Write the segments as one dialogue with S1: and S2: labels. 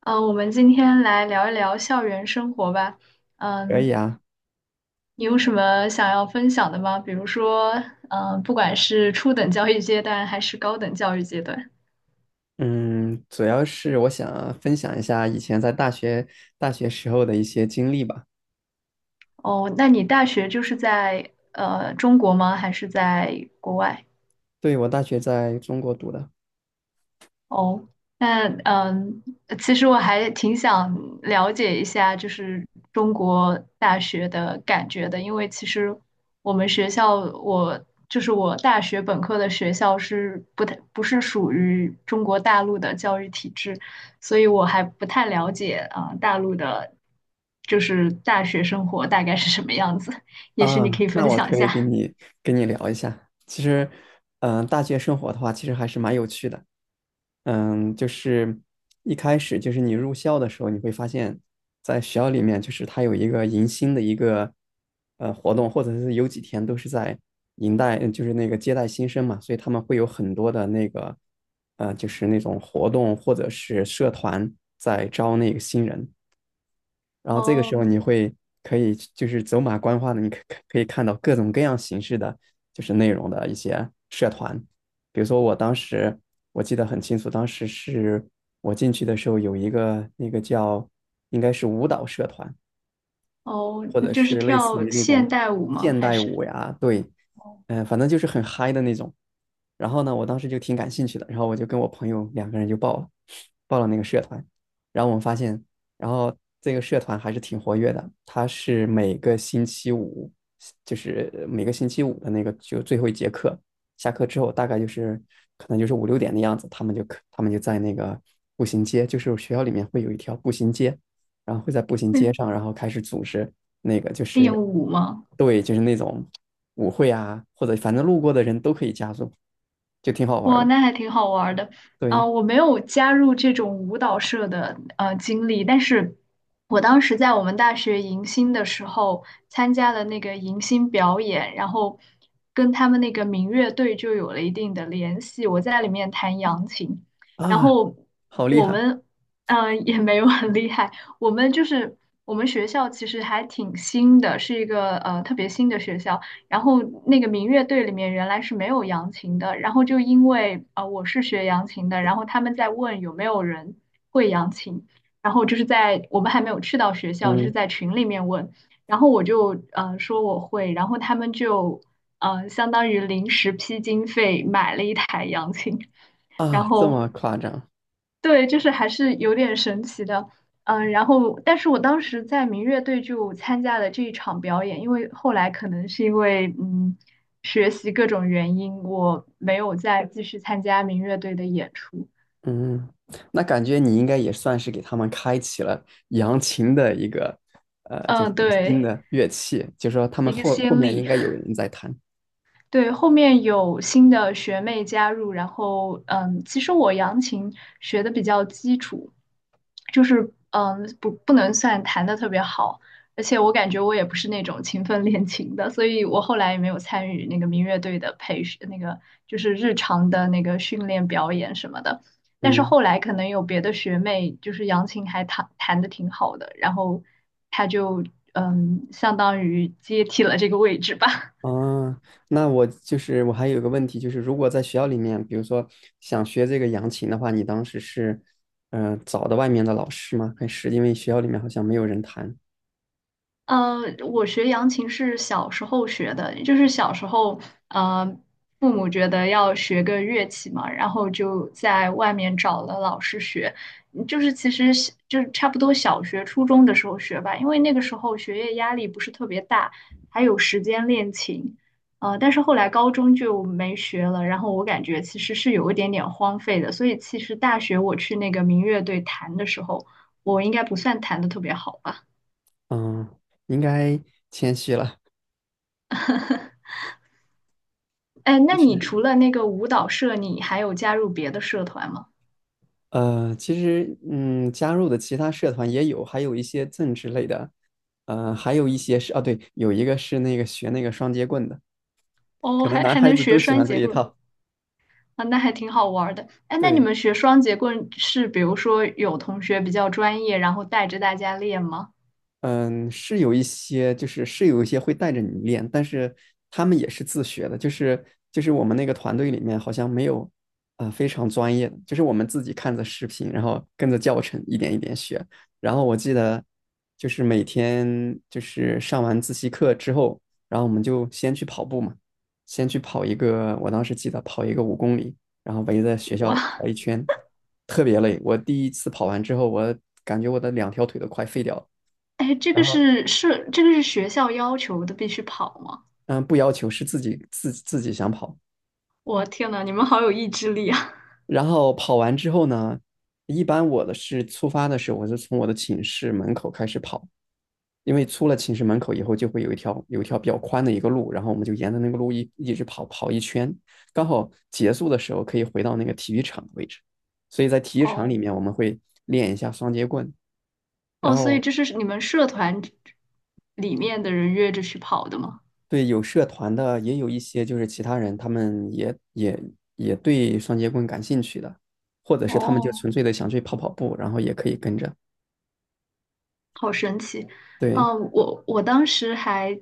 S1: 嗯，我们今天来聊一聊校园生活吧。
S2: 可以
S1: 嗯，
S2: 啊，
S1: 你有什么想要分享的吗？比如说，不管是初等教育阶段还是高等教育阶段。
S2: 嗯，主要是我想分享一下以前在大学时候的一些经历吧。
S1: 哦，那你大学就是在中国吗？还是在国外？
S2: 对，我大学在中国读的。
S1: 哦，那其实我还挺想了解一下，就是中国大学的感觉的，因为其实我们学校，我就是我大学本科的学校不是属于中国大陆的教育体制，所以我还不太了解啊，大陆的，就是大学生活大概是什么样子，也许你可
S2: 啊，
S1: 以
S2: 那
S1: 分
S2: 我
S1: 享一
S2: 可以跟
S1: 下。
S2: 你跟你聊一下。其实，大学生活的话，其实还是蛮有趣的。就是一开始就是你入校的时候，你会发现，在学校里面，就是它有一个迎新的一个活动，或者是有几天都是在迎待，就是那个接待新生嘛，所以他们会有很多的那个就是那种活动或者是社团在招那个新人。然后这个时
S1: 哦
S2: 候可以就是走马观花的，可以看到各种各样形式的就是内容的一些社团，比如说我当时我记得很清楚，当时是我进去的时候有一个那个叫应该是舞蹈社团，
S1: 哦，
S2: 或者
S1: 就是
S2: 是类似
S1: 跳
S2: 于那
S1: 现
S2: 种
S1: 代舞吗？
S2: 现
S1: 还
S2: 代
S1: 是
S2: 舞呀，对，反正就是很嗨的那种。然后呢，我当时就挺感兴趣的，然后我就跟我朋友两个人就报了那个社团。然后我们发现，然后这个社团还是挺活跃的，它是每个星期五，就是每个星期五的那个就最后一节课，下课之后大概就是可能就是五六点的样子，他们就在那个步行街，就是学校里面会有一条步行街，然后会在步行街
S1: 会
S2: 上，然后开始组织那个就
S1: 练
S2: 是
S1: 舞吗？
S2: 对，就是那种舞会啊，或者反正路过的人都可以加入，就挺好玩儿
S1: 哇，
S2: 的。
S1: 那还挺好玩儿的。
S2: 对
S1: 嗯，我没有加入这种舞蹈社的经历，但是我当时在我们大学迎新的时候参加了那个迎新表演，然后跟他们那个民乐队就有了一定的联系。我在里面弹扬琴，然
S2: 啊，
S1: 后
S2: 好厉
S1: 我
S2: 害，
S1: 们嗯也没有很厉害，我们就是我们学校其实还挺新的，是一个特别新的学校。然后那个民乐队里面原来是没有扬琴的，然后就因为我是学扬琴的，然后他们在问有没有人会扬琴，然后就是在我们还没有去到学校，就是
S2: 嗯
S1: 在群里面问，然后我就说我会，然后他们就相当于临时批经费买了一台扬琴，然
S2: 啊，这
S1: 后
S2: 么夸张，
S1: 对，就是还是有点神奇的，但是我当时在民乐队就参加了这一场表演，因为后来可能是因为学习各种原因，我没有再继续参加民乐队的演出，
S2: 嗯，那感觉你应该也算是给他们开启了扬琴的一个就是
S1: 嗯，
S2: 新
S1: 对，
S2: 的乐器，就说他们
S1: 一个
S2: 后
S1: 先
S2: 面应
S1: 例，
S2: 该有人在弹，
S1: 对，后面有新的学妹加入，其实我扬琴学的比较基础，就是不能算弹的特别好，而且我感觉我也不是那种勤奋练琴的，所以我后来也没有参与那个民乐队的培训，那个就是日常的那个训练表演什么的。但是
S2: 嗯。
S1: 后来可能有别的学妹，就是杨琴弹的挺好的，然后她就相当于接替了这个位置吧。
S2: 哦，那我就是我还有一个问题，就是如果在学校里面，比如说想学这个扬琴的话，你当时是，找的外面的老师吗？还是因为学校里面好像没有人弹？
S1: 呃，我学扬琴是小时候学的，就是小时候，呃，父母觉得要学个乐器嘛，然后就在外面找了老师学，就是其实是就是差不多小学、初中的时候学吧，因为那个时候学业压力不是特别大，还有时间练琴，但是后来高中就没学了，然后我感觉其实是有一点点荒废的，所以其实大学我去那个民乐队弹的时候，我应该不算弹的特别好吧。
S2: 嗯，应该谦虚了。
S1: 哎，那
S2: 就
S1: 你
S2: 是
S1: 除了那个舞蹈社，你还有加入别的社团吗？
S2: 其实加入的其他社团也有，还有一些政治类的，还有一些是啊，对，有一个是那个学那个双截棍的，
S1: 哦，
S2: 可能男
S1: 还
S2: 孩
S1: 能
S2: 子
S1: 学
S2: 都喜
S1: 双
S2: 欢这
S1: 节
S2: 一
S1: 棍
S2: 套。
S1: 啊，那还挺好玩儿的。哎，那你
S2: 对，
S1: 们学双节棍是，比如说有同学比较专业，然后带着大家练吗？
S2: 嗯，是有一些，是有一些会带着你练，但是他们也是自学的，就是我们那个团队里面好像没有，非常专业的，就是我们自己看着视频，然后跟着教程一点一点学。然后我记得就是每天就是上完自习课之后，然后我们就先去跑步嘛，先去跑一个，我当时记得跑一个5公里，然后围着学
S1: 哇，
S2: 校跑一圈，特别累。我第一次跑完之后，我感觉我的两条腿都快废掉了。
S1: 哎，
S2: 然后
S1: 这个是学校要求的，必须跑吗？
S2: 嗯，不要求，是自己想跑。
S1: 我天呐，你们好有意志力啊！
S2: 然后跑完之后呢，一般我的是出发的时候，我是从我的寝室门口开始跑，因为出了寝室门口以后，就会有一条比较宽的一个路，然后我们就沿着那个路一直跑一圈，刚好结束的时候可以回到那个体育场的位置。所以在体育场里
S1: 哦
S2: 面，我们会练一下双截棍，然
S1: 哦，所以
S2: 后
S1: 这是你们社团里面的人约着去跑的吗？
S2: 对，有社团的，也有一些就是其他人，他们也对双节棍感兴趣的，或者是他们就
S1: 哦。
S2: 纯粹的想去跑跑步，然后也可以跟着。
S1: 好神奇，
S2: 对，
S1: 嗯，我当时还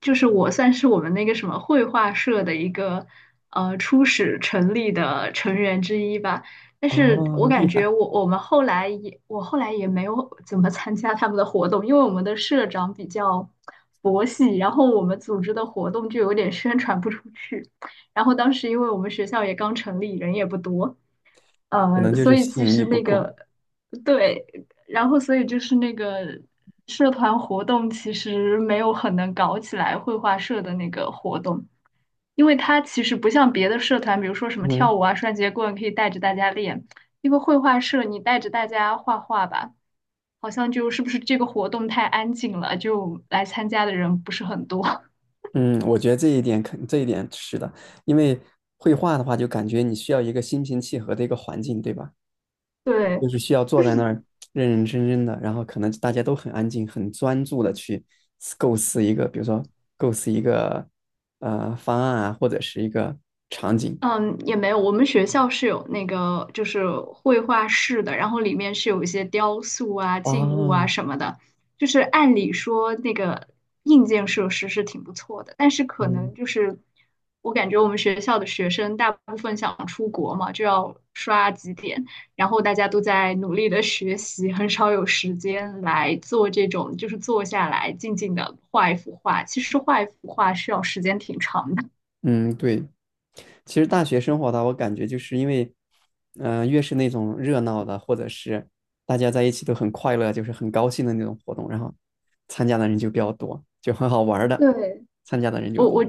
S1: 就是我算是我们那个什么绘画社的一个初始成立的成员之一吧，但是
S2: 哦，
S1: 我
S2: 厉
S1: 感觉
S2: 害，
S1: 我后来也没有怎么参加他们的活动，因为我们的社长比较佛系，然后我们组织的活动就有点宣传不出去，然后当时因为我们学校也刚成立，人也不多。
S2: 可能就
S1: 所
S2: 是
S1: 以
S2: 吸
S1: 其
S2: 引
S1: 实
S2: 力不
S1: 那个
S2: 够。
S1: 对，然后所以就是那个社团活动其实没有很能搞起来绘画社的那个活动，因为它其实不像别的社团，比如说什么跳
S2: 嗯
S1: 舞啊、双节棍可以带着大家练，因为绘画社你带着大家画画吧，好像就是不是这个活动太安静了，就来参加的人不是很多。
S2: 嗯，我觉得这一点是的，因为绘画的话，就感觉你需要一个心平气和的一个环境，对吧？
S1: 对，
S2: 就是需要
S1: 就
S2: 坐
S1: 是。
S2: 在那儿认认真真的，然后可能大家都很安静、很专注的去构思一个，比如说构思一个方案啊，或者是一个场景。
S1: 嗯，也没有。我们学校是有那个就是绘画室的，然后里面是有一些雕塑啊、静物啊
S2: 啊。
S1: 什么的。就是按理说那个硬件设施是挺不错的，但是可能
S2: 嗯
S1: 就是我感觉我们学校的学生大部分想出国嘛，就要刷几点，然后大家都在努力的学习，很少有时间来做这种就是坐下来静静的画一幅画。其实画一幅画需要时间挺长的。
S2: 嗯，对，其实大学生活的话我感觉就是因为，越是那种热闹的，或者是大家在一起都很快乐，就是很高兴的那种活动，然后参加的人就比较多，就很好玩儿的，
S1: 对，
S2: 参加的人就
S1: 我
S2: 多。
S1: 我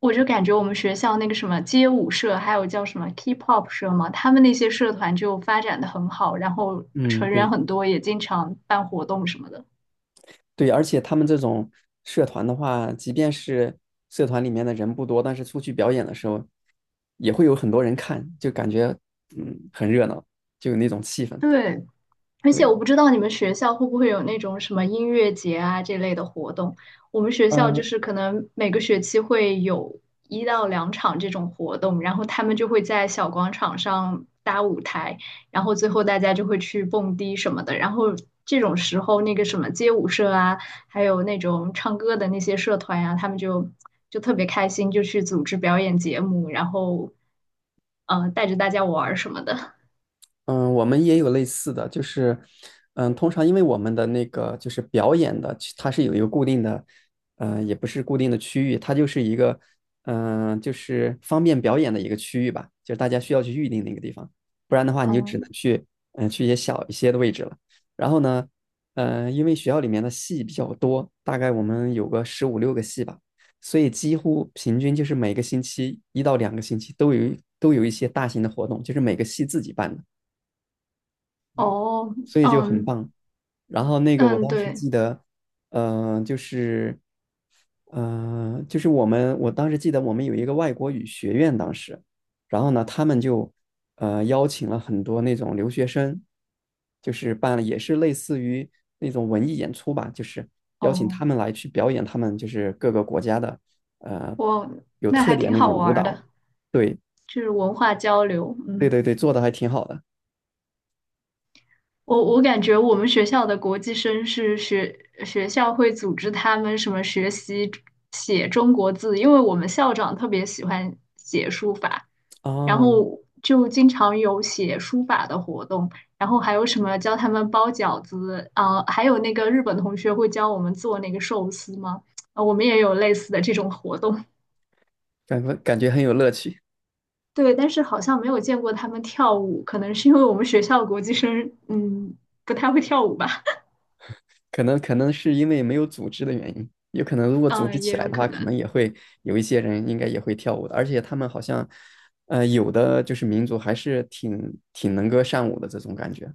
S1: 我就感觉我们学校那个什么街舞社，还有叫什么 K-pop 社嘛，他们那些社团就发展的很好，然后
S2: 嗯，
S1: 成员
S2: 对。
S1: 很多，也经常办活动什么的。
S2: 对，而且他们这种社团的话，即便是社团里面的人不多，但是出去表演的时候，也会有很多人看，就感觉很热闹，就有那种气氛。
S1: 对，而且我
S2: 对，
S1: 不知道你们学校会不会有那种什么音乐节啊这类的活动。我们学校就
S2: 嗯、
S1: 是可能每个学期会有一到两场这种活动，然后他们就会在小广场上搭舞台，然后最后大家就会去蹦迪什么的。然后这种时候，那个什么街舞社啊，还有那种唱歌的那些社团啊，他们就就特别开心，就去组织表演节目，然后带着大家玩儿什么的。
S2: 嗯，我们也有类似的，就是，通常因为我们的那个就是表演的，其它是有一个固定的，也不是固定的区域，它就是一个，就是方便表演的一个区域吧，就是大家需要去预定那个地方，不然的话你就只能
S1: 嗯，
S2: 去，去一些小一些的位置了。然后呢，因为学校里面的戏比较多，大概我们有个15、6个戏吧，所以几乎平均就是每个星期一到两个星期都都有一些大型的活动，就是每个系自己办的。
S1: 哦，
S2: 所以就很
S1: 嗯，
S2: 棒。然后那个我
S1: 嗯，
S2: 当时
S1: 对，
S2: 记得，就是，我当时记得我们有一个外国语学院，当时，然后呢，他们就邀请了很多那种留学生，就是办了也是类似于那种文艺演出吧，就是邀请
S1: 哦，
S2: 他们来去表演他们就是各个国家的呃
S1: 我
S2: 有
S1: 那
S2: 特
S1: 还挺
S2: 点那
S1: 好
S2: 种
S1: 玩
S2: 舞
S1: 儿
S2: 蹈。
S1: 的，
S2: 对
S1: 就是文化交流。
S2: 对
S1: 嗯，
S2: 对对，做的还挺好的
S1: 我感觉我们学校的国际生是学校会组织他们什么学习写中国字，因为我们校长特别喜欢写书法，然
S2: 哦，
S1: 后就经常有写书法的活动，然后还有什么教他们包饺子啊，还有那个日本同学会教我们做那个寿司吗？啊，我们也有类似的这种活动。
S2: 感觉很有乐趣。
S1: 对，但是好像没有见过他们跳舞，可能是因为我们学校国际生，嗯，不太会跳舞吧，
S2: 可能是因为没有组织的原因，有可能如 果组织
S1: 嗯，也
S2: 起来
S1: 有
S2: 的
S1: 可
S2: 话，可
S1: 能。
S2: 能也会有一些人应该也会跳舞的，而且他们好像，有的就是民族还是挺能歌善舞的这种感觉。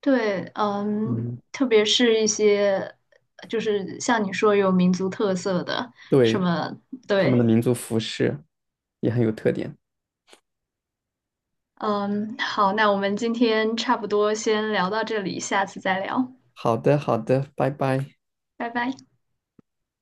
S1: 对，嗯，
S2: 嗯，
S1: 特别是一些就是像你说有民族特色的什
S2: 对，
S1: 么，
S2: 他们的
S1: 对，
S2: 民族服饰也很有特点。
S1: 嗯，好，那我们今天差不多先聊到这里，下次再聊，
S2: 好的，好的，拜拜。
S1: 拜拜。